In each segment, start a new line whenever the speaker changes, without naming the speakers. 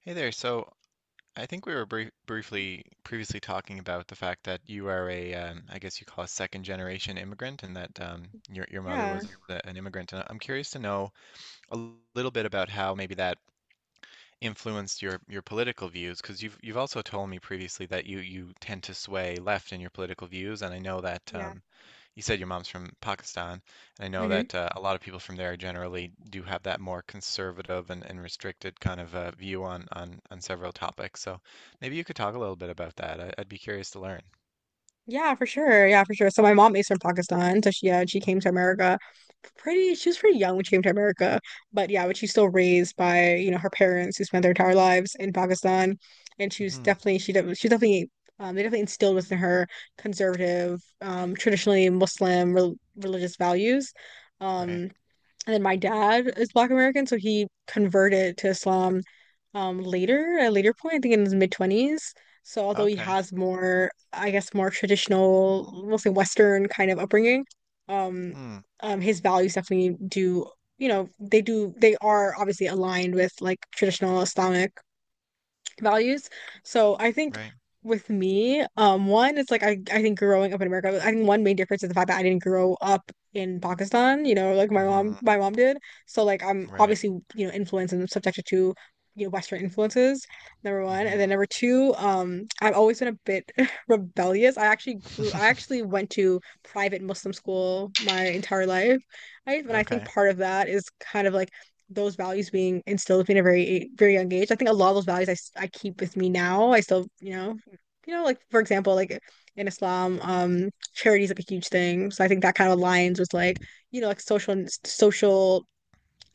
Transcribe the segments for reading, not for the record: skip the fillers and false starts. Hey there. So, I think we were briefly previously talking about the fact that you are I guess you call a second generation immigrant, and that your mother
Yeah,
was an immigrant. And I'm curious to know a little bit about how maybe that influenced your political views, because you've also told me previously that you tend to sway left in your political views, and I know that
yeah.
you said your mom's from Pakistan, and I know
Hmm.
that a lot of people from there generally do have that more conservative and restricted kind of view on several topics. So maybe you could talk a little bit about that. I'd be curious to learn.
Yeah, for sure. Yeah, for sure. So my mom is from Pakistan, so she came to America pretty she was pretty young when she came to America. But yeah, but she's still raised by, you know, her parents who spent their entire lives in Pakistan. And she was
Mm-hmm.
definitely she def she definitely they definitely instilled within her conservative, traditionally Muslim religious values.
Right.
Um, And then my dad is Black American, so he converted to Islam at a later point, I think in his mid-20s. So although he
Okay.
has more, I guess, more traditional, we'll say Western kind of upbringing, um,
Hmm.
his values definitely do, they are obviously aligned with like traditional Islamic values. So I think
Right.
with me, one, it's like I think growing up in America, I think one main difference is the fact that I didn't grow up in Pakistan, you know, like my mom
Mm-hmm.
my mom did. So like I'm
Right.
obviously, influenced and subjected to, Western influences, number one. And then number two, I've always been a bit rebellious. I
Mm-hmm.
actually went to private Muslim school my entire life. I, And I think
Okay.
part of that is kind of like those values being instilled with a very very young age. I think a lot of those values I keep with me now. I still, like, for example, like in Islam, charity is like a huge thing. So I think that kind of aligns with like, you know, like social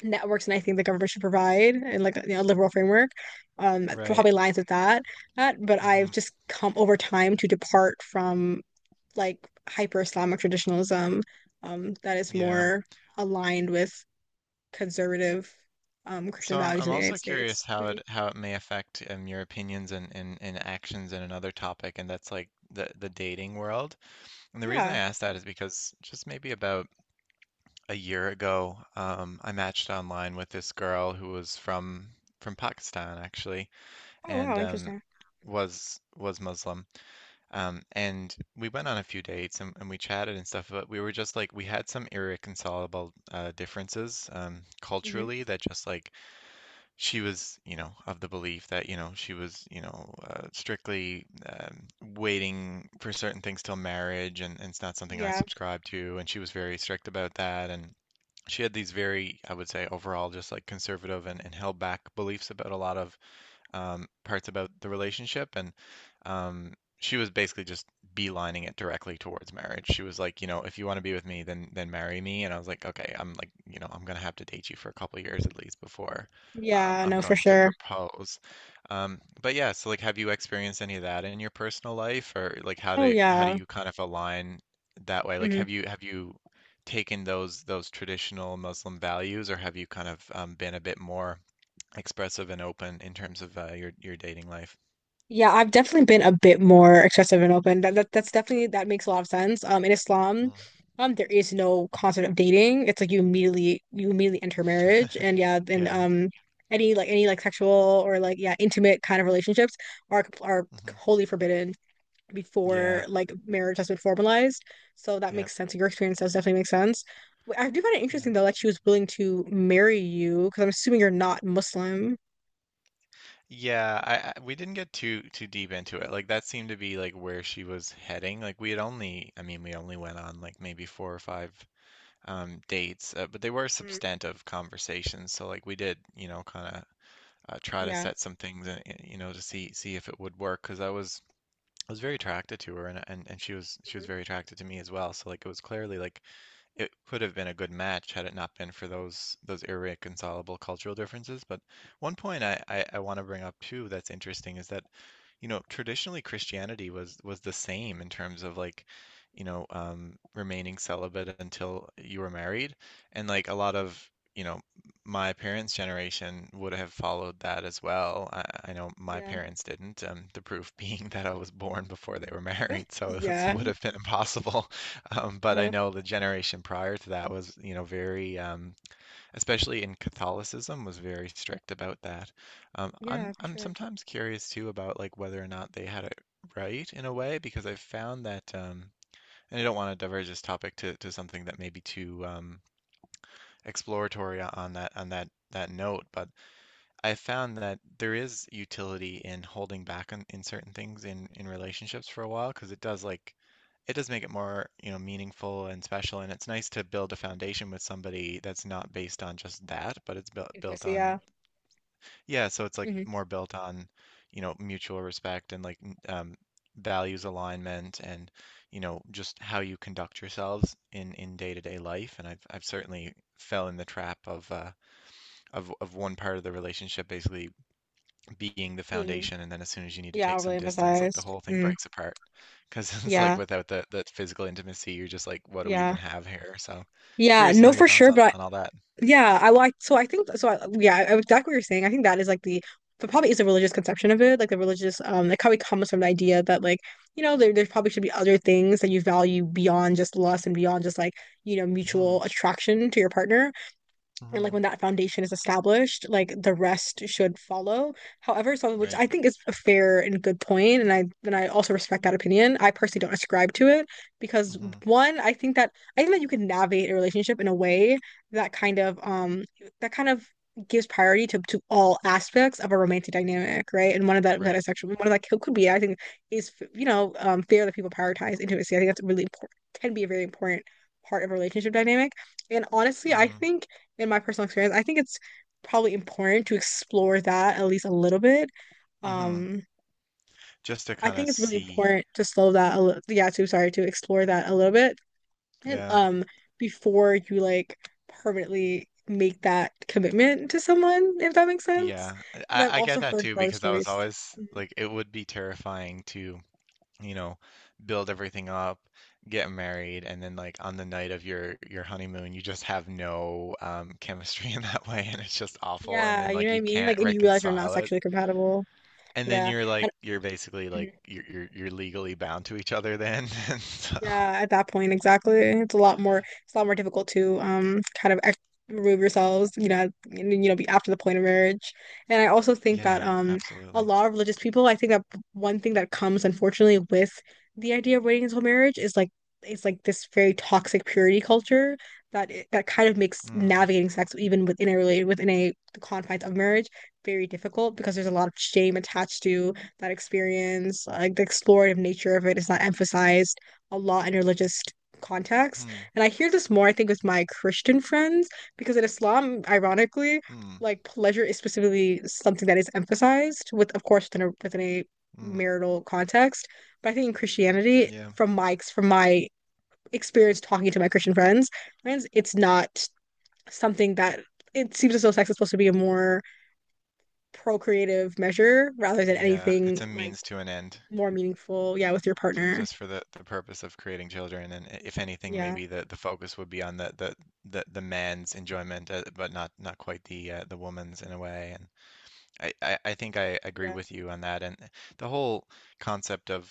networks, and I think the government should provide and, like, liberal framework.
Right.
Probably aligns with that. But I've
Mm-hmm.
just come over time to depart from like hyper Islamic traditionalism, that is
Yeah.
more aligned with conservative Christian
So I'm
values in
I'm
the United
also
States.
curious how
Mm,
it may affect your opinions and actions in another topic, and that's like the dating world. And the reason I
yeah.
asked that is because just maybe about a year ago, I matched online with this girl who was from Pakistan actually,
Oh wow,
and
interesting.
was Muslim. And we went on a few dates and we chatted and stuff, but we were just like we had some irreconcilable differences
Hmm.
culturally that just like she was, you know, of the belief that, you know, she was, you know, strictly waiting for certain things till marriage, and it's not something I
Yeah.
subscribe to. And she was very strict about that. And she had these very, I would say, overall, just like conservative and held back beliefs about a lot of parts about the relationship, and she was basically just beelining it directly towards marriage. She was like, you know, if you want to be with me, then marry me. And I was like, okay, I'm like, you know, I'm gonna have to date you for a couple of years at least before
Yeah,
I'm
no, for
going to
sure.
propose. But yeah, so like, have you experienced any of that in your personal life, or like,
Oh
how do
yeah.
you kind of align that way? Like,
Hmm.
have you taken those traditional Muslim values, or have you kind of been a bit more expressive and open in terms of your dating life.
Yeah, I've definitely been a bit more excessive and open. That, that that's definitely that makes a lot of sense. In Islam, there is no concept of dating. It's like you immediately enter
Mm.
marriage, and then
Yeah.
any like sexual or like intimate kind of relationships are
Hmm.
wholly forbidden before
Yeah.
like marriage has been formalized. So that
Yeah.
makes sense. Your experience does definitely make sense. I do find it
Yeah.
interesting though that she was willing to marry you, because I'm assuming you're not Muslim.
Yeah, I we didn't get too too deep into it. Like that seemed to be like where she was heading. Like we had only, I mean, we only went on like maybe four or five dates, but they were
Mm,
substantive conversations. So like we did, you know, kind of try to
yeah.
set some things you know, to see see if it would work because I was very attracted to her and she was
Mhm.
very attracted to me as well. So like it was clearly like it could have been a good match had it not been for those irreconcilable cultural differences. But one point I want to bring up too that's interesting is that, you know, traditionally Christianity was the same in terms of like, you know, remaining celibate until you were married, and like a lot of you know my parents' generation would have followed that as well. I know my
Yeah.
parents didn't. The proof being that I was born before they were married, so it
Yeah.
would have been impossible. But I
Uh,
know the generation prior to that was, you know, very, especially in Catholicism, was very strict about that.
yeah,
I'm
for
I'm
sure.
sometimes curious too about like whether or not they had it right in a way because I've found that, and I don't want to diverge this topic to something that may be too exploratory on that that note, but I found that there is utility in holding back on in certain things in relationships for a while because it does like it does make it more, you know, meaningful and special and it's nice to build a foundation with somebody that's not based on just that, but it's built built
Intimacy,
on
yeah.
yeah, so it's like
Hmm.
more built on, you know, mutual respect and like values alignment and you know just how you conduct yourselves in day-to-day life and I've certainly fell in the trap of one part of the relationship basically being the
Being,
foundation and then as soon as you need to
yeah,
take
overly
some distance like the
emphasized.
whole thing
Mm,
breaks apart because it's like
yeah.
without the that physical intimacy you're just like what do we
Yeah.
even have here so
Yeah.
curious to know
No,
your
for
thoughts
sure. But
on all that.
Yeah, I like so I think so exactly what you're saying. I think that is like the but probably is a religious conception of it, like the religious it probably comes from the idea that, like, you know, there probably should be other things that you value beyond just lust and beyond just like,
Hmm.
mutual attraction to your partner. And like
Hmm.
when that foundation is established, like the rest should follow, however some, which
Right.
I think is a fair and good point, and I also respect that opinion. I personally don't ascribe to it because
Hmm.
one, I think that you can navigate a relationship in a way that kind of gives priority to all aspects of a romantic dynamic, right? And
Right.
one of that could be, I think, is, fair that people prioritize intimacy. I think that's really important, can be a very important part of a relationship dynamic. And honestly, I
Mm.
think in my personal experience, I think it's probably important to explore that at least a little bit.
Hmm.
Um,
Just to
I
kind of
think it's really
see.
important to slow that a little, yeah, to sorry, to explore that a little bit. And
Yeah.
before you, like, permanently make that commitment to someone, if that makes sense.
Yeah,
Because I've
I get
also
that
heard
too
horror
because I was
stories.
always
Mhm.
like it would be terrifying to you know, build everything up, get married, and then like on the night of your honeymoon, you just have no chemistry in that way, and it's just awful. And
Yeah,
then
you
like
know what I
you
mean? Like,
can't
and you realize you're not
reconcile it,
sexually compatible.
and then
Yeah.
you're like
And
you're basically like you're legally bound to each other then. And so,
Yeah, at that point, exactly. It's a lot more, it's a lot more difficult to kind of ex remove yourselves, you know, and, you know, be after the point of marriage. And I also think that
yeah,
a
absolutely.
lot of religious people, I think that one thing that comes unfortunately with the idea of waiting until marriage is like it's like this very toxic purity culture that it, that kind of makes
Hmm.
navigating sex even within a the confines of marriage very difficult because there's a lot of shame attached to that experience. Like the explorative nature of it is not emphasized a lot in religious contexts.
Hmm.
And I hear this more, I think, with my Christian friends, because in Islam, ironically,
Hmm.
like pleasure is specifically something that is emphasized with, of course, within a
Hmm.
marital context. But I think in Christianity,
Yeah.
from my experience talking to my Christian friends, it's not something that it seems as though sex is supposed to be a more procreative measure rather than
Yeah. It's
anything
a
like
means to an end.
more meaningful, yeah, with your partner.
Just for the purpose of creating children, and if anything,
Yeah,
maybe the focus would be on the man's enjoyment, but not not quite the woman's in a way. And I think I agree
yeah.
with you on that. And the whole concept of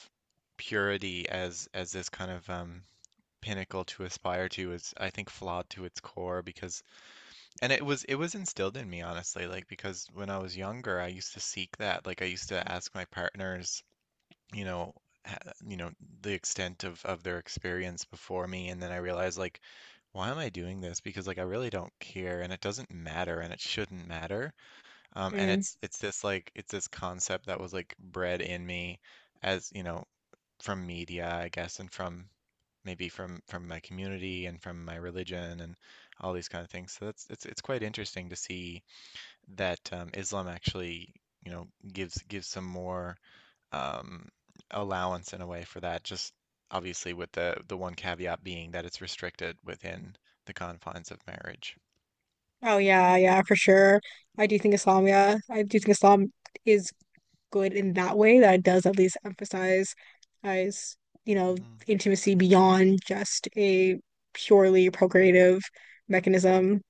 purity as this kind of pinnacle to aspire to is, I think, flawed to its core because, and it was instilled in me honestly, like because when I was younger, I used to seek that. Like I used to ask my partners you know ha- you know the extent of their experience before me and then I realized like why am I doing this because like I really don't care and it doesn't matter and it shouldn't matter and
Mm.
it's this like it's this concept that was like bred in me as you know from media I guess and from maybe from my community and from my religion and all these kind of things so that's it's quite interesting to see that Islam actually you know gives gives some more um, allowance in a way for that, just obviously with the one caveat being that it's restricted within the confines of marriage.
Oh yeah, yeah, for sure. I do think Islam, yeah. I do think Islam is good in that way, that it does at least emphasize, as, you know,
Hmm.
intimacy beyond just a purely procreative mechanism.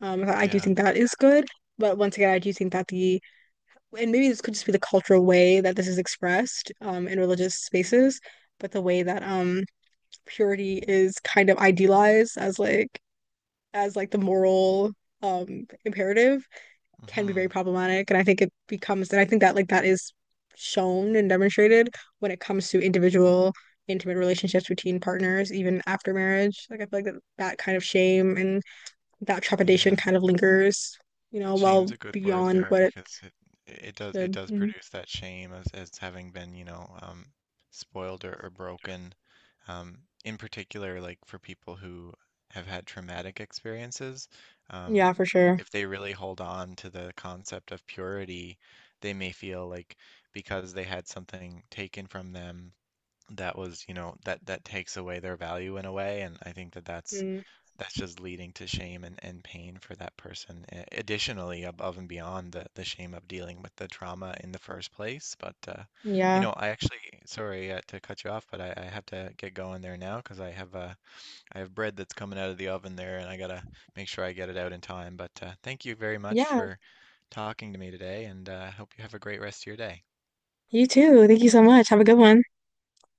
I do
Yeah.
think that is good. But once again, I do think that the, and maybe this could just be the cultural way that this is expressed, in religious spaces, but the way that purity is kind of idealized as like the moral imperative can be
Hmm.
very problematic. And I think it becomes, and I think that like that is shown and demonstrated when it comes to individual intimate relationships between partners, even after marriage. Like I feel like that, that kind of shame and that trepidation
Yeah.
kind of lingers, you know,
Shame's
well
a good word
beyond
there
what it
because it it
should.
does
Mhm.
produce that shame as having been, you know, spoiled or broken. Um, in particular, like for people who have had traumatic experiences, um,
Yeah, for sure.
if they really hold on to the concept of purity, they may feel like because they had something taken from them that was, you know, that that takes away their value in a way, and I think that
Mm,
that's just leading to shame and pain for that person. Additionally, above and beyond the shame of dealing with the trauma in the first place. But, you
yeah.
know, I actually, sorry to cut you off, but I have to get going there now because I have bread that's coming out of the oven there, and I gotta make sure I get it out in time. But thank you very much
Yeah.
for talking to me today, and I hope you have a great rest of your day.
You too. Thank you so much. Have a good one.